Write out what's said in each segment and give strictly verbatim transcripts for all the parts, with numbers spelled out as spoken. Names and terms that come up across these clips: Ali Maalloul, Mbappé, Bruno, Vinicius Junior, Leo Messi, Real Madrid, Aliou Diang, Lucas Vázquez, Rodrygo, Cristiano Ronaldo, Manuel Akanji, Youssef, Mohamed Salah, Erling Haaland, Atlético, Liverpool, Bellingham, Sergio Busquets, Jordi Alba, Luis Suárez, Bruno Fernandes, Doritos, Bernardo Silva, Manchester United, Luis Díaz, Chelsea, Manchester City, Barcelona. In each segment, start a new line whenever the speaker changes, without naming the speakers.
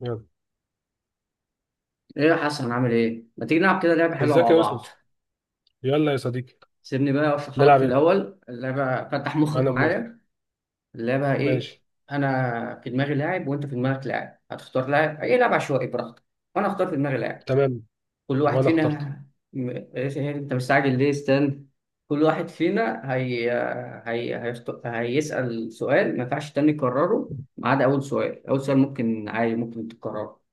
يلا.
ايه يا حسن عامل ايه؟ ما تيجي نلعب كده لعبة حلوة
ازيك
مع
يا
بعض.
يوسف؟ يلا يا صديقي.
سيبني بقى اشرح لك في
نلعب ايه؟
الأول اللعبة، فتح مخك
انا موافق.
معايا. اللعبة ايه؟
ماشي.
أنا في دماغي لاعب وأنت في دماغك لاعب، هتختار لاعب أي لاعب عشوائي براحتك، وأنا هختار في دماغي لاعب.
تمام.
كل واحد
وانا
فينا
اخترت.
م... إيه إيه، إيه، أنت مستعجل ليه؟ استنى. كل واحد فينا هي... هي... هيخت... هيسأل سؤال ما ينفعش تاني يكرره ما عدا أول سؤال. أول سؤال ممكن عادي، ممكن تكرره.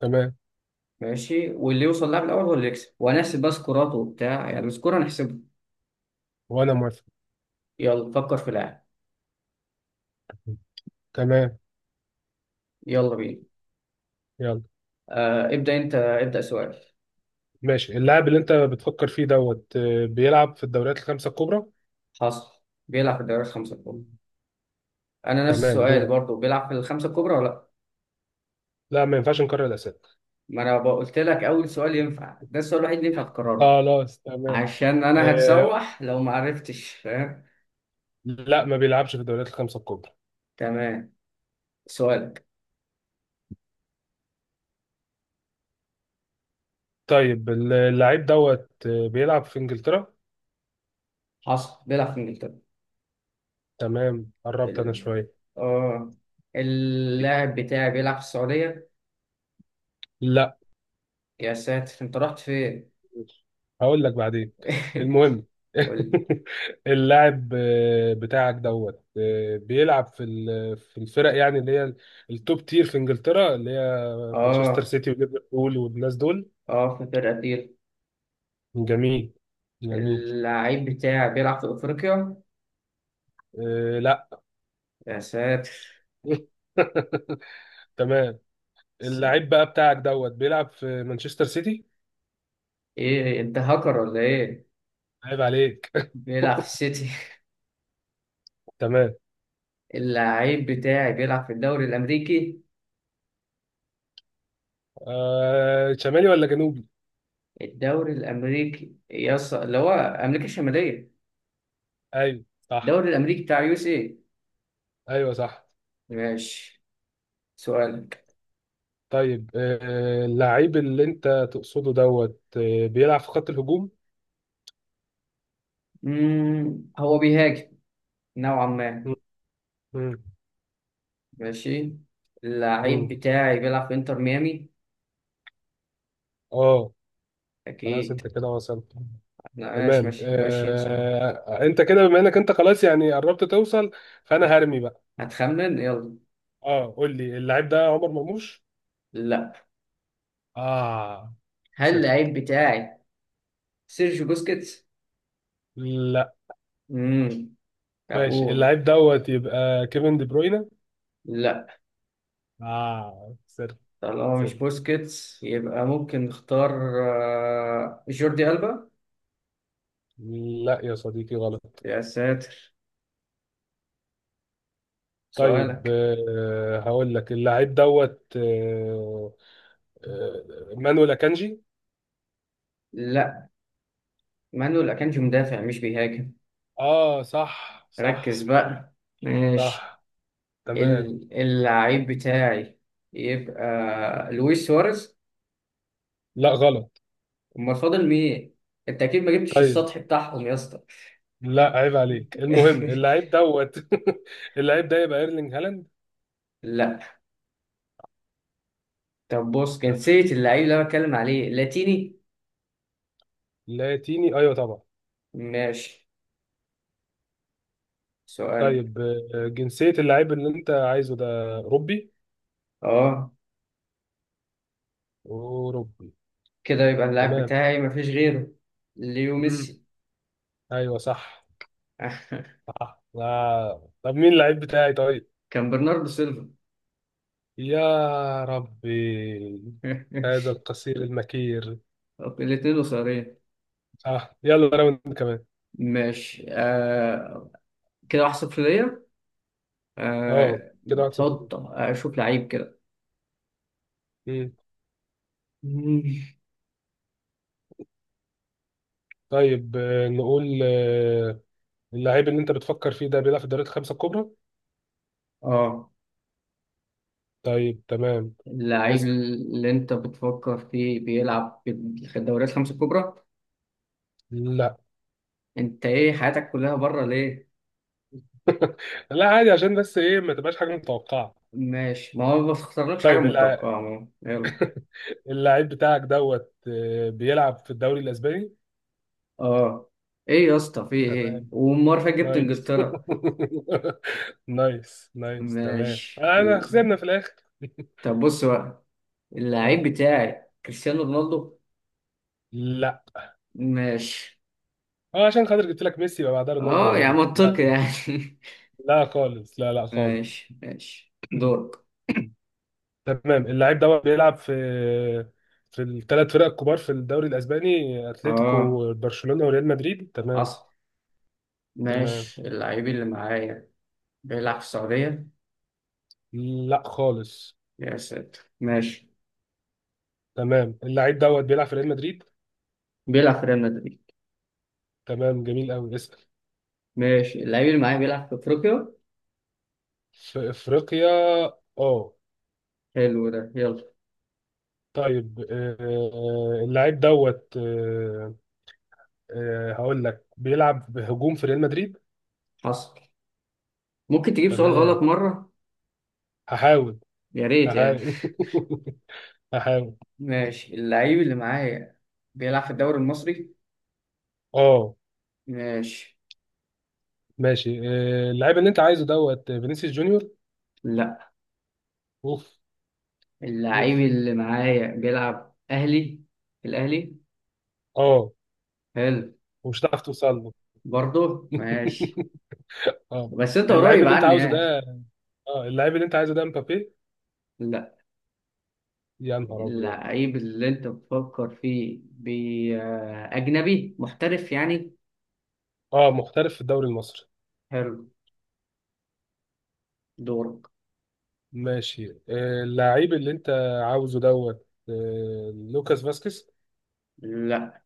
تمام.
ماشي، واللي يوصل لاعب الاول هو اللي يكسب، وهنحسب بقى سكورات وبتاع، يعني السكور هنحسبه.
وانا موافق.
يلا فكر في لاعب.
تمام.
يلا بينا.
يلا.
آه ابدا، انت ابدا سؤال.
ماشي. اللاعب اللي انت بتفكر فيه دوت آه، بيلعب في الدوريات الخمسة الكبرى.
حصل، بيلعب في الدوري الخمسه الكبرى. انا نفس
تمام
السؤال
دورك.
برضو، بيلعب في الخمسه الكبرى ولا لا؟
لا ما ينفعش نكرر الاسئله.
ما انا بقى قلت لك اول سؤال ينفع، ده السؤال الوحيد اللي ينفع تكرره.
خلاص تمام.
عشان انا
آه.
هتسوح لو ما عرفتش، فاهم؟
لا ما بيلعبش في الدوريات الخمسة الكبرى.
تمام. سؤالك.
طيب اللاعب دوت آه، بيلعب في انجلترا.
حصل، بيلعب في انجلترا.
تمام قربت انا
ال...
شويه.
اه، اللاعب بتاعي بيلعب في السعوديه.
لا.
يا ساتر، انت رحت فين؟
هقول لك بعدين. المهم.
قول.
اللاعب آه، بتاعك دوت آه، بيلعب في ال- في الفرق يعني اللي هي التوب تير في انجلترا اللي هي مانشستر
اه
سيتي وليفربول والناس دول.
اه، فاكر قتيل.
جميل جميل.
اللعيب بتاع بيلعب في افريقيا.
آه، لا
يا ساتر.
تمام
س-
اللاعب بقى بتاعك دوت بيلعب في مانشستر سيتي.
ايه، انت هاكر ولا ايه؟
عيب عليك.
بيلعب في السيتي.
تمام.
اللعيب بتاعي بيلعب في الدوري الامريكي.
آه، شمالي ولا جنوبي؟
الدوري الامريكي يص... اللي هو امريكا الشماليه.
ايوه صح.
الدوري الامريكي بتاع يو اس اي.
ايوه صح.
ماشي. سؤالك.
طيب آه، اللعيب اللي انت تقصده دوت آه، بيلعب في خط الهجوم.
مم، هو بيهاجم نوعا ما.
مم، مم،
ماشي. اللعيب
مم.
بتاعي بيلعب في انتر ميامي.
اه. خلاص
اكيد.
انت كده وصلت.
لا، ماشي
تمام
ماشي ماشي انسى.
آه، انت كده بما انك انت خلاص يعني قربت توصل فانا هرمي بقى.
هتخمن يلا.
اه قول لي اللعيب ده عمر مرموش.
لا.
اه
هل
سر.
اللعيب بتاعي سيرجيو بوسكيتس؟
لا
امم، طب
ماشي
قول.
اللعيب دوت يبقى كيفن دي بروينا.
لا.
اه سر
طالما
سر.
مش بوسكيتس يبقى ممكن نختار. آه، جوردي ألبا.
لا يا صديقي غلط.
يا ساتر.
طيب
سؤالك.
آه، هقول لك اللعيب دوت آه، آه، مانويل اكانجي.
لا، مانويل أكانجي مدافع مش بيهاجم.
اه صح
ركز
صح
بقى. ماشي.
صح تمام.
ال- اللعيب بتاعي يبقى لويس سواريز.
لا غلط.
امال فاضل مين؟ انت اكيد ما جبتش
طيب
السطح بتاعهم يا اسطى.
لا عيب عليك المهم اللعيب دوت اللعيب ده يبقى ايرلينج هالاند.
لا. طب بص،
لا.
جنسية اللعيب اللي أنا بتكلم عليه لاتيني.
لاتيني ايوه طبعا.
ماشي. سؤال.
طيب آه، جنسية اللعيب اللي انت عايزه ده اوروبي؟
اه،
اوروبي.
كده يبقى اللاعب
تمام.
بتاعي مفيش غيره، ليو
مم.
ميسي.
ايوه صح. صح آه. طب مين اللعيب بتاعي طيب؟
كان برناردو سيلفا.
يا ربي. هذا القصير المكير.
طب الاتنين قصيرين.
اه يلا راوند كمان.
ماشي آه. كده واحد صفر ليا.
اه
آه،
كده واحد صفر.
حط اشوف لعيب كده.
امم
مم.
طيب آه، نقول آه، اللعيب اللي انت بتفكر فيه ده بيلعب في الدوريات الخمسه الكبرى.
اه،
طيب تمام.
اللعيب
اسال.
اللي انت بتفكر فيه بيلعب في الدوريات الخمسة الكبرى.
لا.
انت ايه حياتك كلها بره ليه؟
لا عادي عشان بس ايه ما تبقاش حاجه متوقعه.
ماشي، ما هو ما بختارلكش حاجة
طيب اللع-
متوقعة. ما هو. يلا.
اللعيب بتاعك دوت آه، بيلعب في الدوري الاسباني.
اه. ايه يا اسطى في ايه؟
تمام
والمرة اللي فاتت جبت
نايس.
انجلترا.
نايس نايس تمام
ماشي.
انا خسرنا في الاخر.
طب بص بقى،
آه،
اللعيب بتاعي كريستيانو رونالدو.
لا
ماشي.
اه عشان خاطر جبت لك ميسي يبقى بعدها رونالدو يا
اه، يعني
راجل لا.
منطقي يعني.
لا خالص لا لا خالص.
ماشي ماشي، دورك.
تمام اللاعب ده بيلعب في في الثلاث فرق الكبار في الدوري الاسباني
اه،
اتلتيكو برشلونة وريال مدريد تمام.
حصل.
تمام
ماشي، اللعيب اللي معايا بيلعب في السعودية.
لا خالص.
يا ساتر، ماشي.
تمام اللاعب دوت بيلعب في ريال مدريد.
بيلعب في ريال مدريد.
تمام جميل قوي اسأل.
ماشي، اللعيب اللي معايا بيلعب في افريقيا.
في افريقيا اه.
حلو ده، يلا.
طيب آه، اللاعب دوت آه، آه، هقول لك بيلعب بهجوم في ريال مدريد.
حصل. ممكن تجيب سؤال
تمام
غلط مرة؟
هحاول
يا ريت يعني.
هحاول هحاول.
ماشي، اللعيب اللي معايا بيلعب في الدوري المصري.
اه
ماشي.
ماشي آه، اللاعب اللي انت عايزه دوت فينيسيوس جونيور.
لا،
اوف
اللعيب
اوف
اللي معايا بيلعب أهلي، في الأهلي.
اه.
حلو.
ومش هتعرف توصل له.
برضه ماشي.
اه
بس أنت
اللعيب
قريب
اللي انت
عني
عاوزه
يعني.
ده اه اللعيب اللي انت عايزه ده مبابي.
لا،
يا نهار ابيض.
اللعيب اللي أنت بتفكر فيه بي آه، أجنبي محترف يعني.
اه محترف في الدوري المصري.
حلو. دورك.
ماشي آه، اللعيب اللي انت عاوزه دوت آه، لوكاس فاسكيز.
لا،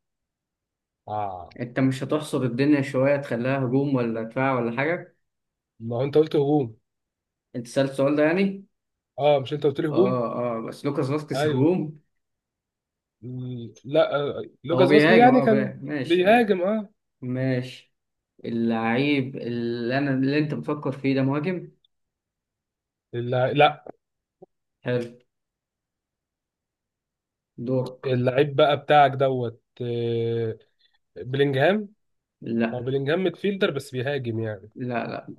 اه
أنت مش هتحصر الدنيا شوية؟ تخليها هجوم ولا دفاع ولا حاجة.
ما هو انت قلت هجوم.
أنت سألت السؤال ده يعني.
اه مش انت قلت لي هجوم.
اه اه، بس لوكاس فاسكيز
ايوه.
هجوم.
م- لا آه،
هو
لوكاس فاسكيز
بيهاجم
يعني
اه
كان.
بي- ماشي ماشي.
بيهاجم اه.
ماشي. اللعيب اللي انا اللي انت بتفكر فيه ده مهاجم.
اللع... لا
حلو. دورك.
اللعيب بقى بتاعك دوت آه، بلينجهام هو
لا
بلينجهام ميدفيلدر بس بيهاجم يعني.
لا. لا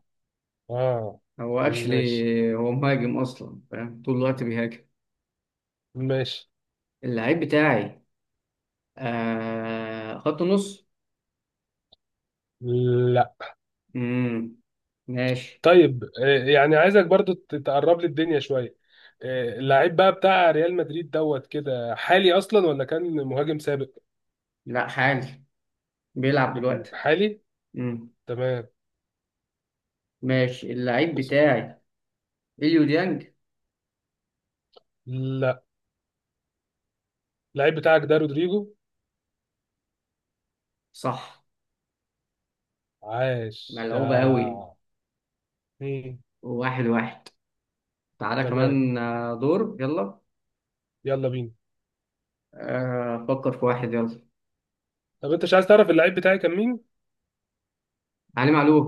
اه.
هو اكشلي
ماشي
هو مهاجم اصلا، فاهم؟ طول الوقت بيهاجم.
ماشي.
اللعيب بتاعي آه خط نص.
لا.
امم. ماشي.
طيب آه، يعني عايزك برضو ت- تقرب لي الدنيا شوية. آه، اللعيب بقى بتاع ريال مدريد دوت كده حالي اصلا ولا كان مهاجم سابق؟
لا حالي، بيلعب دلوقتي.
حالي.
امم.
تمام.
ماشي. اللعيب بتاعي اليو ديانج.
لا اللعيب بتاعك ده رودريجو.
صح.
عاش
ملعوبة قوي.
آه. مم.
واحد واحد. تعالى
تمام.
كمان آه، دور يلا.
يلا بينا.
آه، فكر في واحد يلا.
طب انت مش عايز تعرف اللعيب بتاعي كان مين؟
علي معلول.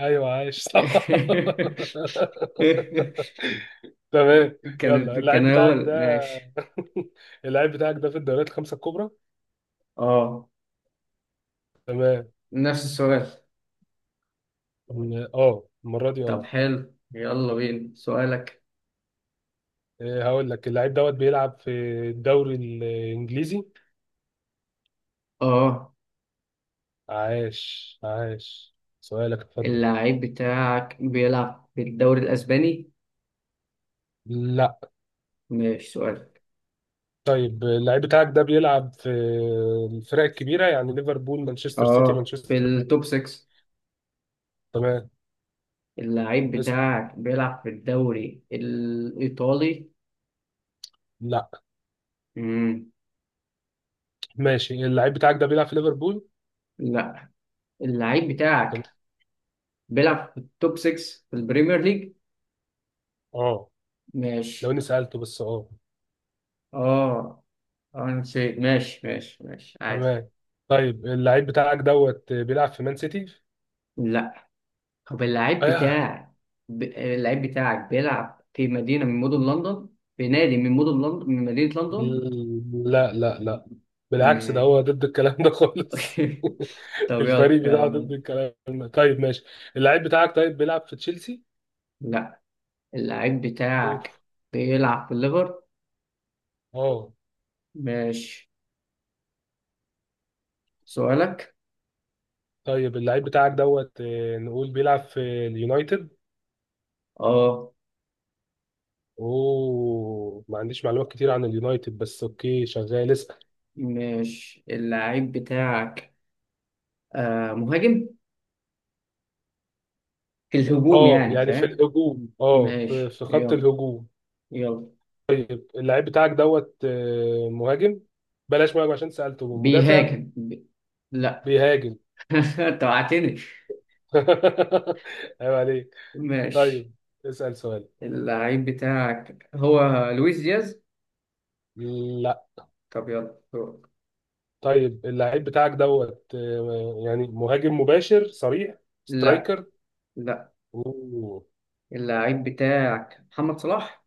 ايوه عايش صح. تمام. يلا
كان كان
اللعيب بتاعك
اول
ده
ماشي.
اللعيب بتاعك ده في الدوريات الخمسة الكبرى.
اه،
تمام.
نفس السؤال.
اه المره دي
طب
اه.
حلو، يلا بينا سؤالك.
إيه، هقول لك اللعيب دوت بيلعب في الدوري الانجليزي.
اه،
عاش عاش. سؤالك اتفضل.
اللعيب بتاعك بيلعب في الدوري الاسباني؟
لا.
ماشي سؤال.
طيب اللعيب بتاعك ده بيلعب في الفرق الكبيره يعني ليفربول مانشستر سيتي
اه، في
مانشستر.
التوب ستة.
تمام.
اللعيب
اسأل.
بتاعك بيلعب في الدوري الايطالي؟
لا.
امم.
ماشي اللعيب بتاعك ده بيلعب في ليفربول.
لا، اللعيب
تمام
بتاعك بيلعب في التوب ستة في البريمير ليج.
اه. لو
ماشي.
اني سالته بس اه.
اه. آه، انا نسيت. ماشي ماشي ماشي عادي.
تمام. طيب اللعيب بتاعك دوت بيلعب في مان سيتي.
لا. طب اللاعب
ايوه.
بتاعك ب... اللاعب بتاعك بيلعب في مدينة من مدن لندن، في نادي من مدن لندن، من مدينة لندن.
مم، لا لا لا. بالعكس ده
ماشي.
هو ضد الكلام ده خالص.
طب يلا
الفريق بتاعه
يلا.
ضد الكلام ده طيب ماشي. اللعيب بتاعك طيب بيلعب في تشيلسي.
لا، اللاعب
اوف.
بتاعك بيلعب في الليفر.
اه.
ماشي. سؤالك.
طيب اللعيب بتاعك دوت آه، نقول بيلعب في اليونايتد.
اه.
اوه ما عنديش معلومات كتير عن اليونايتد بس اوكي شغال اسال.
ماشي، اللاعب بتاعك آه مهاجم، في الهجوم
اه
يعني
يعني في
فاهم.
الهجوم اه في
ماشي
في خط
يلا.
الهجوم.
يلا.
طيب اللعيب بتاعك دوت آه، مهاجم بلاش مهاجم عشان سألته مدافع.
بيهاجم بي... لا.
بيهاجم.
انت وقعتني.
عيب عليك.
ماشي.
طيب اسأل سؤال.
اللعيب بتاعك هو لويس دياز.
لا.
طب يلا دورك.
طيب اللعيب بتاعك دوت آه، يعني مهاجم مباشر صريح
لا.
سترايكر.
لا،
اوه.
اللعيب بتاعك محمد صلاح.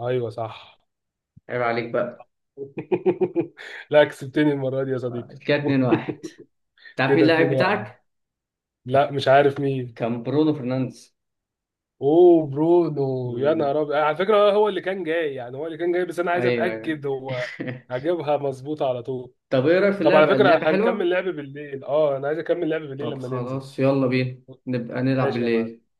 ايوه صح.
عيب عليك بقى.
لا كسبتني المرة دي يا صديقي.
كده اتنين واحد. تعرف مين
كده
اللعيب
اتنين واحد.
بتاعك؟
لا مش عارف مين.
كان برونو فرنانديز.
اوه برونو يا
مم.
نهار ابيض على فكرة آه، هو اللي كان جاي يعني هو اللي كان جاي بس انا عايز
ايوه ايوه.
اتأكد هو. هجيبها مظبوطة على طول.
طب ايه رايك في
طب على
اللعبه؟
فكرة
اللعبه
هنكمل
حلوه.
لعب بالليل اه انا عايز اكمل لعب بالليل
طب
لما ننزل.
خلاص، يلا بينا نبقى نلعب
ماشي يا معلم.
بالليل.